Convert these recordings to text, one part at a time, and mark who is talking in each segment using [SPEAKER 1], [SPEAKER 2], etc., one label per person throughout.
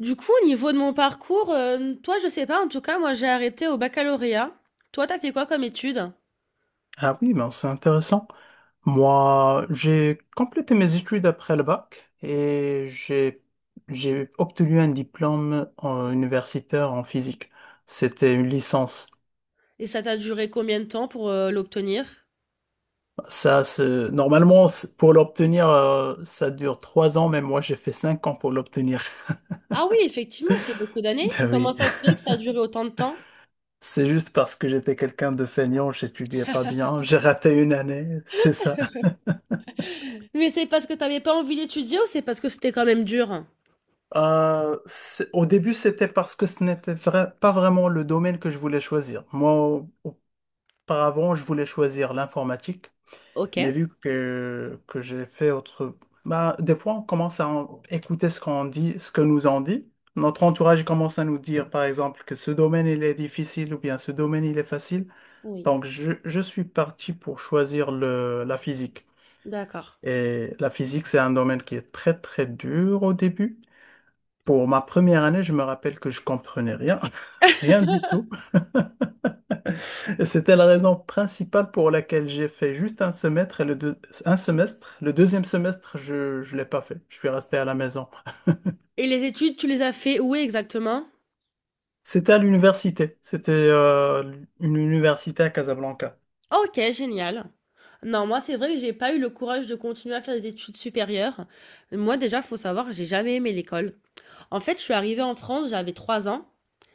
[SPEAKER 1] Du coup, au niveau de mon parcours, toi, je sais pas, en tout cas, moi, j'ai arrêté au baccalauréat. Toi, t'as fait quoi comme études?
[SPEAKER 2] Ah oui, ben c'est intéressant. Moi, j'ai complété mes études après le bac et j'ai obtenu un diplôme universitaire en physique. C'était une licence.
[SPEAKER 1] Et ça t'a duré combien de temps pour l'obtenir?
[SPEAKER 2] Ça, normalement, pour l'obtenir, ça dure trois ans, mais moi, j'ai fait cinq ans pour l'obtenir.
[SPEAKER 1] Ah oui, effectivement, c'est beaucoup d'années.
[SPEAKER 2] Ben
[SPEAKER 1] Comment
[SPEAKER 2] oui.
[SPEAKER 1] ça se fait que ça a duré autant de temps?
[SPEAKER 2] C'est juste parce que j'étais quelqu'un de feignant, j'étudiais pas bien, j'ai raté une année, c'est ça.
[SPEAKER 1] Mais c'est parce que t'avais pas envie d'étudier ou c'est parce que c'était quand même dur?
[SPEAKER 2] Au début, c'était parce que ce n'était pas vraiment le domaine que je voulais choisir. Auparavant, je voulais choisir l'informatique,
[SPEAKER 1] Ok.
[SPEAKER 2] mais vu que j'ai fait autre... Bah, des fois, on commence à écouter ce qu'on dit, ce que nous on dit. Notre entourage commence à nous dire, par exemple, que ce domaine, il est difficile ou bien ce domaine, il est facile.
[SPEAKER 1] Oui,
[SPEAKER 2] Donc, je suis parti pour choisir la physique.
[SPEAKER 1] d'accord.
[SPEAKER 2] Et la physique, c'est un domaine qui est très, très dur au début. Pour ma première année, je me rappelle que je comprenais rien, rien du tout. Et c'était la raison principale pour laquelle j'ai fait juste un semestre et un semestre. Le deuxième semestre, je l'ai pas fait. Je suis resté à la maison.
[SPEAKER 1] Et les études, tu les as fait où exactement?
[SPEAKER 2] C'était à l'université. C'était une université à Casablanca.
[SPEAKER 1] Ok, génial. Non, moi, c'est vrai que j'ai pas eu le courage de continuer à faire des études supérieures. Moi, déjà, faut savoir que j'ai jamais aimé l'école. En fait, je suis arrivée en France, j'avais 3 ans.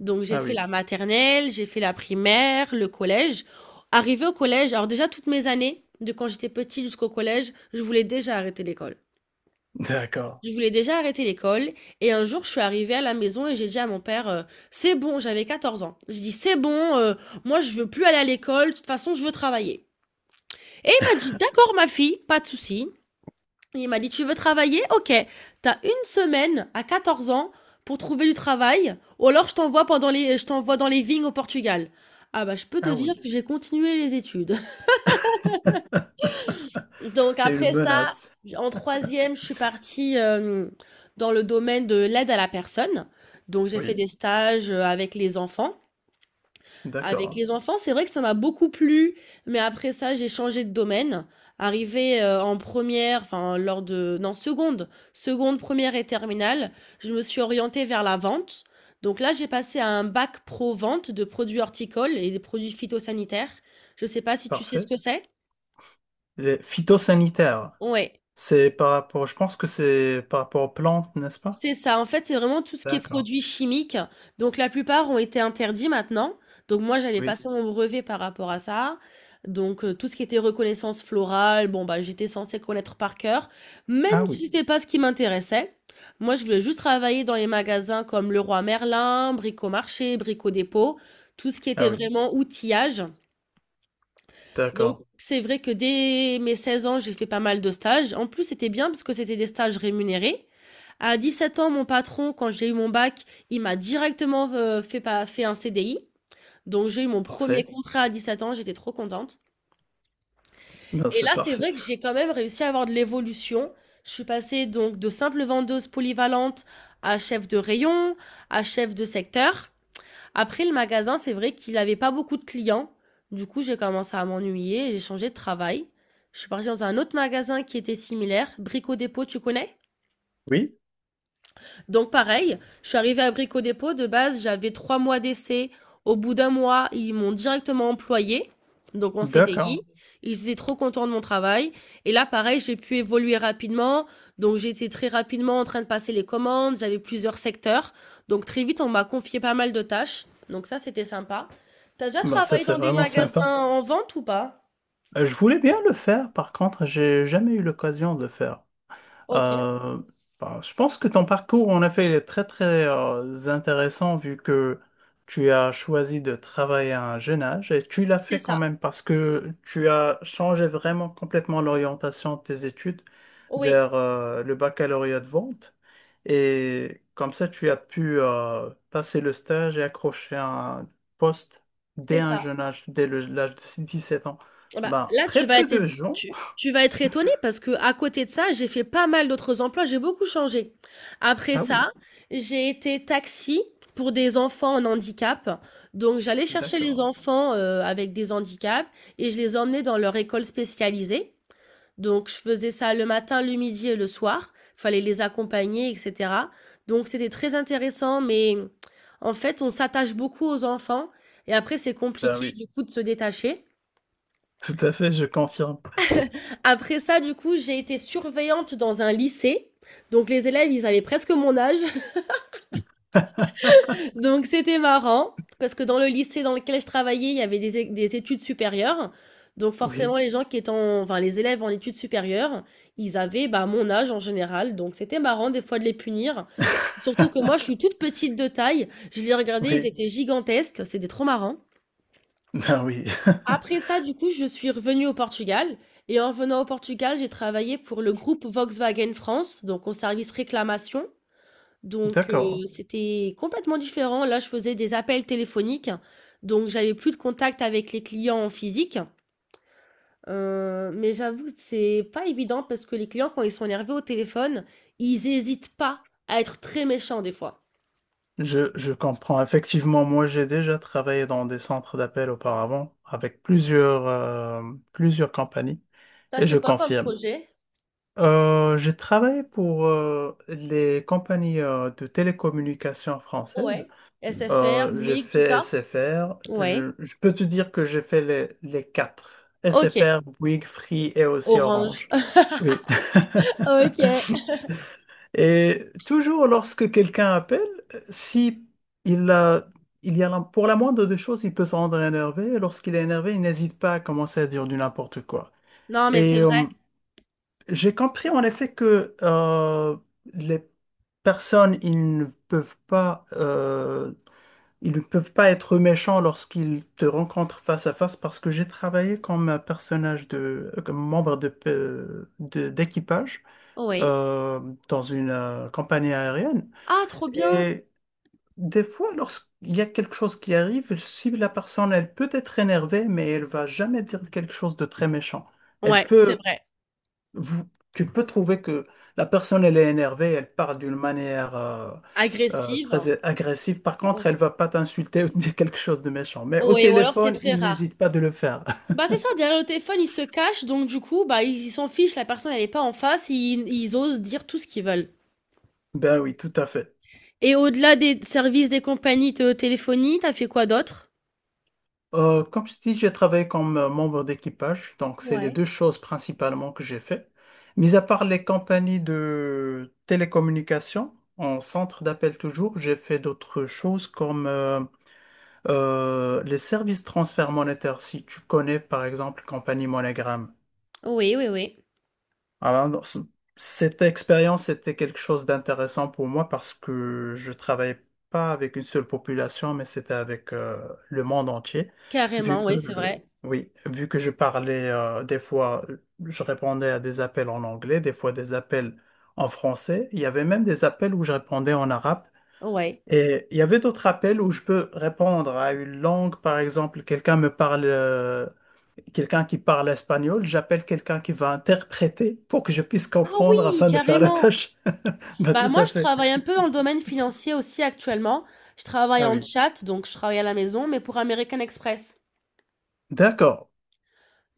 [SPEAKER 1] Donc j'ai
[SPEAKER 2] Ah
[SPEAKER 1] fait
[SPEAKER 2] oui,
[SPEAKER 1] la maternelle, j'ai fait la primaire, le collège. Arrivée au collège, alors déjà toutes mes années, de quand j'étais petite jusqu'au collège, je voulais déjà arrêter l'école.
[SPEAKER 2] d'accord.
[SPEAKER 1] Je voulais déjà arrêter l'école. Et un jour, je suis arrivée à la maison et j'ai dit à mon père, c'est bon, j'avais 14 ans. J'ai dit, c'est bon, moi je veux plus aller à l'école, de toute façon je veux travailler. Et il m'a dit, d'accord ma fille, pas de souci. Il m'a dit, tu veux travailler? Ok, t'as une semaine à 14 ans pour trouver du travail, ou alors je t'envoie pendant les, je t'envoie dans les vignes au Portugal. Ah bah, je peux te
[SPEAKER 2] Ah
[SPEAKER 1] dire
[SPEAKER 2] oui,
[SPEAKER 1] que j'ai continué les études. Donc
[SPEAKER 2] c'est une
[SPEAKER 1] après ça,
[SPEAKER 2] menace.
[SPEAKER 1] en troisième, je suis partie dans le domaine de l'aide à la personne. Donc j'ai fait des
[SPEAKER 2] Oui,
[SPEAKER 1] stages avec les enfants. Avec
[SPEAKER 2] d'accord.
[SPEAKER 1] les enfants, c'est vrai que ça m'a beaucoup plu, mais après ça, j'ai changé de domaine. Arrivé en première, enfin lors de, non, seconde, première et terminale, je me suis orientée vers la vente. Donc là, j'ai passé à un bac pro vente de produits horticoles et des produits phytosanitaires. Je sais pas si tu sais ce
[SPEAKER 2] Parfait.
[SPEAKER 1] que c'est.
[SPEAKER 2] Les phytosanitaires,
[SPEAKER 1] Ouais.
[SPEAKER 2] c'est par rapport, je pense que c'est par rapport aux plantes, n'est-ce pas?
[SPEAKER 1] C'est ça, en fait, c'est vraiment tout ce qui est
[SPEAKER 2] D'accord.
[SPEAKER 1] produits chimiques. Donc la plupart ont été interdits maintenant. Donc moi, j'allais
[SPEAKER 2] Oui.
[SPEAKER 1] passer mon brevet par rapport à ça. Donc tout ce qui était reconnaissance florale, bon bah j'étais censée connaître par cœur, même
[SPEAKER 2] Ah
[SPEAKER 1] si
[SPEAKER 2] oui,
[SPEAKER 1] c'était pas ce qui m'intéressait. Moi, je voulais juste travailler dans les magasins comme Leroy Merlin, Brico Marché, Brico Dépôt, tout ce qui était
[SPEAKER 2] ah oui,
[SPEAKER 1] vraiment outillage. Donc,
[SPEAKER 2] d'accord,
[SPEAKER 1] c'est vrai que dès mes 16 ans, j'ai fait pas mal de stages. En plus, c'était bien parce que c'était des stages rémunérés. À 17 ans, mon patron, quand j'ai eu mon bac, il m'a directement fait, pas- fait un CDI. Donc, j'ai eu mon premier
[SPEAKER 2] parfait.
[SPEAKER 1] contrat à 17 ans, j'étais trop contente.
[SPEAKER 2] Ben
[SPEAKER 1] Et
[SPEAKER 2] c'est
[SPEAKER 1] là, c'est
[SPEAKER 2] parfait.
[SPEAKER 1] vrai que j'ai quand même réussi à avoir de l'évolution. Je suis passée donc de simple vendeuse polyvalente à chef de rayon, à chef de secteur. Après, le magasin, c'est vrai qu'il n'avait pas beaucoup de clients. Du coup, j'ai commencé à m'ennuyer et j'ai changé de travail. Je suis partie dans un autre magasin qui était similaire, Brico Dépôt, tu connais?
[SPEAKER 2] Oui,
[SPEAKER 1] Donc pareil, je suis arrivée à Brico Dépôt, de base j'avais 3 mois d'essai. Au bout d'1 mois, ils m'ont directement employée, donc en
[SPEAKER 2] d'accord.
[SPEAKER 1] CDI. Ils étaient trop contents de mon travail. Et là, pareil, j'ai pu évoluer rapidement. Donc j'étais très rapidement en train de passer les commandes, j'avais plusieurs secteurs. Donc très vite, on m'a confié pas mal de tâches. Donc ça, c'était sympa. T'as déjà
[SPEAKER 2] Ben ça
[SPEAKER 1] travaillé
[SPEAKER 2] c'est
[SPEAKER 1] dans des
[SPEAKER 2] vraiment
[SPEAKER 1] magasins
[SPEAKER 2] sympa.
[SPEAKER 1] en vente ou pas?
[SPEAKER 2] Je voulais bien le faire, par contre, j'ai jamais eu l'occasion de le faire.
[SPEAKER 1] Ok,
[SPEAKER 2] Euh, Bah, je pense que ton parcours en effet est très très intéressant vu que tu as choisi de travailler à un jeune âge et tu l'as
[SPEAKER 1] c'est
[SPEAKER 2] fait quand
[SPEAKER 1] ça.
[SPEAKER 2] même parce que tu as changé vraiment complètement l'orientation de tes études
[SPEAKER 1] Oui,
[SPEAKER 2] vers le baccalauréat de vente et comme ça tu as pu passer le stage et accrocher un poste
[SPEAKER 1] c'est
[SPEAKER 2] dès un
[SPEAKER 1] ça.
[SPEAKER 2] jeune âge, l'âge de 17 ans.
[SPEAKER 1] Ah bah,
[SPEAKER 2] Ben,
[SPEAKER 1] là, tu
[SPEAKER 2] très
[SPEAKER 1] vas
[SPEAKER 2] peu
[SPEAKER 1] être,
[SPEAKER 2] de gens.
[SPEAKER 1] tu vas être étonné parce que à côté de ça, j'ai fait pas mal d'autres emplois, j'ai beaucoup changé. Après
[SPEAKER 2] Ah oui,
[SPEAKER 1] ça, j'ai été taxi pour des enfants en handicap. Donc j'allais chercher les
[SPEAKER 2] d'accord.
[SPEAKER 1] enfants, avec des handicaps et je les emmenais dans leur école spécialisée. Donc je faisais ça le matin, le midi et le soir. Fallait les accompagner et cetera. Donc c'était très intéressant, mais en fait, on s'attache beaucoup aux enfants et après c'est
[SPEAKER 2] Ben
[SPEAKER 1] compliqué
[SPEAKER 2] oui.
[SPEAKER 1] du coup de se détacher.
[SPEAKER 2] Tout à fait, je confirme.
[SPEAKER 1] Après ça, du coup, j'ai été surveillante dans un lycée. Donc les élèves, ils avaient presque mon âge. Donc c'était marrant. Parce que dans le lycée dans lequel je travaillais, il y avait des, des études supérieures. Donc
[SPEAKER 2] Oui.
[SPEAKER 1] forcément, les gens qui étaient enfin, les élèves en études supérieures, ils avaient bah, mon âge en général. Donc c'était marrant des fois de les punir. Surtout que moi, je suis toute petite de taille. Je les regardais, ils
[SPEAKER 2] Oui.
[SPEAKER 1] étaient gigantesques. C'était trop marrant.
[SPEAKER 2] Ben oui.
[SPEAKER 1] Après ça, du coup, je suis revenue au Portugal. Et en venant au Portugal, j'ai travaillé pour le groupe Volkswagen France, donc en service réclamation. Donc,
[SPEAKER 2] D'accord.
[SPEAKER 1] c'était complètement différent. Là, je faisais des appels téléphoniques. Donc, j'avais plus de contact avec les clients en physique. Mais j'avoue que c'est pas évident parce que les clients, quand ils sont énervés au téléphone, ils hésitent pas à être très méchants des fois.
[SPEAKER 2] Je comprends. Effectivement, moi, j'ai déjà travaillé dans des centres d'appel auparavant avec plusieurs, plusieurs compagnies
[SPEAKER 1] T'as
[SPEAKER 2] et
[SPEAKER 1] fait
[SPEAKER 2] je
[SPEAKER 1] quoi comme
[SPEAKER 2] confirme.
[SPEAKER 1] projet?
[SPEAKER 2] J'ai travaillé pour les compagnies de télécommunications françaises.
[SPEAKER 1] Ouais. SFR,
[SPEAKER 2] J'ai
[SPEAKER 1] Bouygues, tout
[SPEAKER 2] fait
[SPEAKER 1] ça?
[SPEAKER 2] SFR.
[SPEAKER 1] Ouais.
[SPEAKER 2] Je peux te dire que j'ai fait les quatre.
[SPEAKER 1] Ok.
[SPEAKER 2] SFR, Bouygues, Free et aussi
[SPEAKER 1] Orange.
[SPEAKER 2] Orange. Oui.
[SPEAKER 1] Ok.
[SPEAKER 2] Et toujours lorsque quelqu'un appelle, si il a, il y a pour la moindre des choses, il peut se rendre énervé. Et lorsqu'il est énervé, il n'hésite pas à commencer à dire du n'importe quoi.
[SPEAKER 1] Non, mais c'est
[SPEAKER 2] Et
[SPEAKER 1] vrai.
[SPEAKER 2] j'ai compris en effet que les personnes, ils ne peuvent pas ils ne peuvent pas être méchants lorsqu'ils te rencontrent face à face parce que j'ai travaillé comme un personnage de, comme membre de, d'équipage
[SPEAKER 1] Oui.
[SPEAKER 2] euh, dans une compagnie aérienne.
[SPEAKER 1] Ah, trop bien!
[SPEAKER 2] Et des fois, lorsqu'il y a quelque chose qui arrive, si la personne, elle peut être énervée, mais elle va jamais dire quelque chose de très méchant. Elle
[SPEAKER 1] Ouais, c'est
[SPEAKER 2] peut
[SPEAKER 1] vrai.
[SPEAKER 2] vous- tu peux trouver que la personne, elle est énervée, elle parle d'une manière
[SPEAKER 1] Agressive.
[SPEAKER 2] très agressive. Par contre, elle
[SPEAKER 1] Ouais.
[SPEAKER 2] va pas t'insulter ou te dire quelque chose de méchant. Mais au
[SPEAKER 1] Ouais, ou alors c'est
[SPEAKER 2] téléphone,
[SPEAKER 1] très
[SPEAKER 2] il
[SPEAKER 1] rare.
[SPEAKER 2] n'hésite pas de le faire.
[SPEAKER 1] Bah, c'est ça, derrière le téléphone, ils se cachent, donc du coup, bah, ils s'en fichent, la personne, elle est pas en face, ils osent dire tout ce qu'ils veulent.
[SPEAKER 2] Ben oui, tout à fait.
[SPEAKER 1] Et au-delà des services des compagnies de téléphonie, t'as fait quoi d'autre?
[SPEAKER 2] Comme je dis, j'ai travaillé comme membre d'équipage, donc c'est les
[SPEAKER 1] Ouais.
[SPEAKER 2] deux choses principalement que j'ai fait. Mis à part les compagnies de télécommunications, en centre d'appel toujours, j'ai fait d'autres choses comme les services de transfert monétaire, si tu connais par exemple Compagnie Monogram,
[SPEAKER 1] Oui, oui, oui.
[SPEAKER 2] alors, non, cette expérience était quelque chose d'intéressant pour moi parce que je travaillais pas avec une seule population, mais c'était avec le monde entier. Vu
[SPEAKER 1] Carrément,
[SPEAKER 2] que,
[SPEAKER 1] oui, c'est vrai.
[SPEAKER 2] oui, vu que je parlais des fois, je répondais à des appels en anglais, des fois des appels en français. Il y avait même des appels où je répondais en arabe.
[SPEAKER 1] Ouais.
[SPEAKER 2] Et il y avait d'autres appels où je peux répondre à une langue, par exemple, quelqu'un me parle, quelqu'un qui parle espagnol, j'appelle quelqu'un qui va interpréter pour que je puisse
[SPEAKER 1] Ah
[SPEAKER 2] comprendre
[SPEAKER 1] oui,
[SPEAKER 2] afin de faire la
[SPEAKER 1] carrément.
[SPEAKER 2] tâche. Bah,
[SPEAKER 1] Bah
[SPEAKER 2] tout
[SPEAKER 1] moi,
[SPEAKER 2] à
[SPEAKER 1] je
[SPEAKER 2] fait.
[SPEAKER 1] travaille un peu dans le domaine financier aussi actuellement. Je travaille
[SPEAKER 2] Ah
[SPEAKER 1] en
[SPEAKER 2] oui.
[SPEAKER 1] chat, donc je travaille à la maison, mais pour American Express.
[SPEAKER 2] D'accord.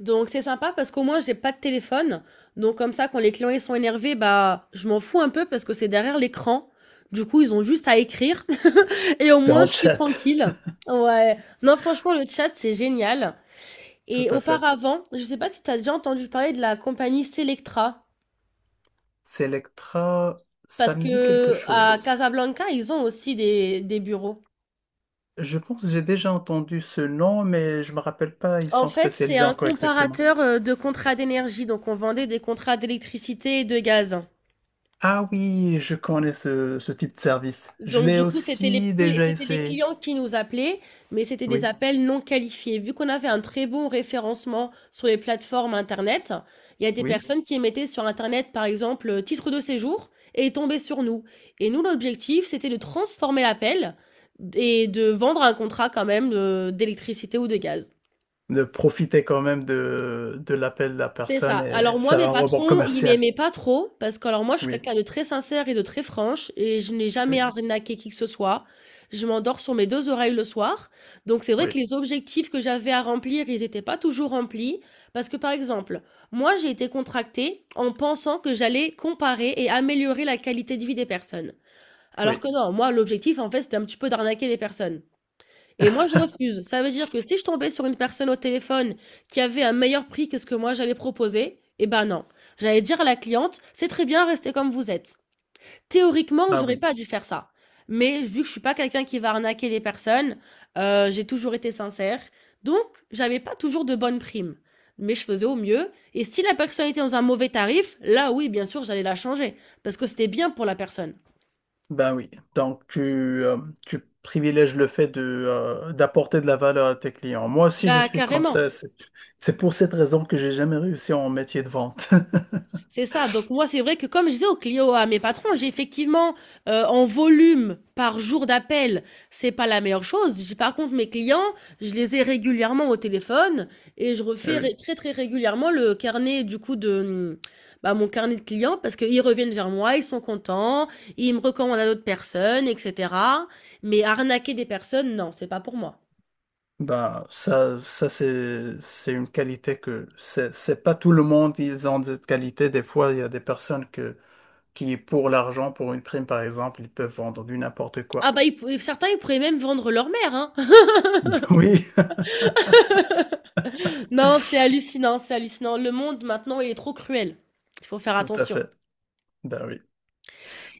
[SPEAKER 1] Donc c'est sympa parce qu'au moins je n'ai pas de téléphone. Donc comme ça quand les clients ils sont énervés, bah je m'en fous un peu parce que c'est derrière l'écran. Du coup, ils ont juste à écrire et au
[SPEAKER 2] C'est
[SPEAKER 1] moins
[SPEAKER 2] en
[SPEAKER 1] je suis
[SPEAKER 2] chat.
[SPEAKER 1] tranquille. Ouais. Non, franchement le chat c'est génial.
[SPEAKER 2] Tout
[SPEAKER 1] Et
[SPEAKER 2] à fait.
[SPEAKER 1] auparavant, je sais pas si tu as déjà entendu parler de la compagnie Selectra
[SPEAKER 2] Selectra,
[SPEAKER 1] parce
[SPEAKER 2] ça me dit quelque
[SPEAKER 1] que à
[SPEAKER 2] chose.
[SPEAKER 1] Casablanca, ils ont aussi des bureaux.
[SPEAKER 2] Je pense que j'ai déjà entendu ce nom, mais je me rappelle pas, ils
[SPEAKER 1] En
[SPEAKER 2] sont
[SPEAKER 1] fait, c'est
[SPEAKER 2] spécialisés
[SPEAKER 1] un
[SPEAKER 2] en quoi exactement.
[SPEAKER 1] comparateur de contrats d'énergie. Donc on vendait des contrats d'électricité et de gaz.
[SPEAKER 2] Ah oui, je connais ce type de service. Je
[SPEAKER 1] Donc,
[SPEAKER 2] l'ai
[SPEAKER 1] du coup, c'était les,
[SPEAKER 2] aussi déjà
[SPEAKER 1] c'était les
[SPEAKER 2] essayé.
[SPEAKER 1] clients qui nous appelaient, mais c'était des
[SPEAKER 2] Oui.
[SPEAKER 1] appels non qualifiés. Vu qu'on avait un très bon référencement sur les plateformes Internet, il y a des
[SPEAKER 2] Oui,
[SPEAKER 1] personnes qui mettaient sur Internet, par exemple, titre de séjour et tombaient sur nous. Et nous, l'objectif, c'était de transformer l'appel et de vendre un contrat quand même d'électricité ou de gaz.
[SPEAKER 2] de profiter quand même de l'appel de la
[SPEAKER 1] C'est
[SPEAKER 2] personne
[SPEAKER 1] ça.
[SPEAKER 2] et
[SPEAKER 1] Alors moi,
[SPEAKER 2] faire
[SPEAKER 1] mes
[SPEAKER 2] un rebond
[SPEAKER 1] patrons, ils
[SPEAKER 2] commercial.
[SPEAKER 1] m'aimaient pas trop parce que alors moi, je suis
[SPEAKER 2] Oui,
[SPEAKER 1] quelqu'un de très sincère et de très franche et je n'ai jamais
[SPEAKER 2] oui,
[SPEAKER 1] arnaqué qui que ce soit. Je m'endors sur mes deux oreilles le soir. Donc c'est vrai que
[SPEAKER 2] oui,
[SPEAKER 1] les objectifs que j'avais à remplir, ils n'étaient pas toujours remplis parce que par exemple, moi, j'ai été contractée en pensant que j'allais comparer et améliorer la qualité de vie des personnes. Alors
[SPEAKER 2] oui.
[SPEAKER 1] que non, moi, l'objectif, en fait, c'était un petit peu d'arnaquer les personnes. Et moi, je refuse. Ça veut dire que si je tombais sur une personne au téléphone qui avait un meilleur prix que ce que moi j'allais proposer, eh ben non. J'allais dire à la cliente, c'est très bien, restez comme vous êtes. Théoriquement,
[SPEAKER 2] Ah
[SPEAKER 1] j'aurais
[SPEAKER 2] oui,
[SPEAKER 1] pas dû faire ça. Mais vu que je suis pas quelqu'un qui va arnaquer les personnes, j'ai toujours été sincère. Donc, j'avais pas toujours de bonnes primes. Mais je faisais au mieux. Et si la personne était dans un mauvais tarif, là oui, bien sûr, j'allais la changer. Parce que c'était bien pour la personne.
[SPEAKER 2] ben oui. Donc euh, tu privilèges le fait de, d'apporter de la valeur à tes clients. Moi aussi, je
[SPEAKER 1] Bah,
[SPEAKER 2] suis comme
[SPEAKER 1] carrément.
[SPEAKER 2] ça. C'est pour cette raison que j'ai jamais réussi en métier de vente.
[SPEAKER 1] C'est ça. Donc moi, c'est vrai que comme je disais aux clients, à mes patrons, j'ai effectivement en volume par jour d'appel, c'est pas la meilleure chose. J'ai- Par contre, mes clients, je les ai régulièrement au téléphone et je
[SPEAKER 2] Eh
[SPEAKER 1] refais
[SPEAKER 2] oui.
[SPEAKER 1] très très régulièrement le carnet du coup de bah, mon carnet de clients parce qu'ils reviennent vers moi, ils sont contents, ils me recommandent à d'autres personnes, etc. Mais arnaquer des personnes, non, c'est pas pour moi.
[SPEAKER 2] Ben, ça c'est une qualité que c'est pas tout le monde, ils ont cette qualité. Des fois, il y a des personnes que qui, est pour l'argent, pour une prime par exemple, ils peuvent vendre du n'importe
[SPEAKER 1] Ah
[SPEAKER 2] quoi.
[SPEAKER 1] bah certains ils pourraient même vendre leur mère, hein.
[SPEAKER 2] Oui,
[SPEAKER 1] Non, c'est hallucinant, c'est hallucinant. Le monde maintenant, il est trop cruel. Il faut faire
[SPEAKER 2] tout à
[SPEAKER 1] attention.
[SPEAKER 2] fait. Ben oui.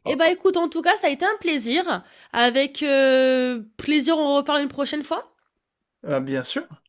[SPEAKER 1] Eh
[SPEAKER 2] Ah,
[SPEAKER 1] ben, écoute, en tout cas, ça a été un plaisir. Avec plaisir, on reparle une prochaine fois.
[SPEAKER 2] Bien sûr.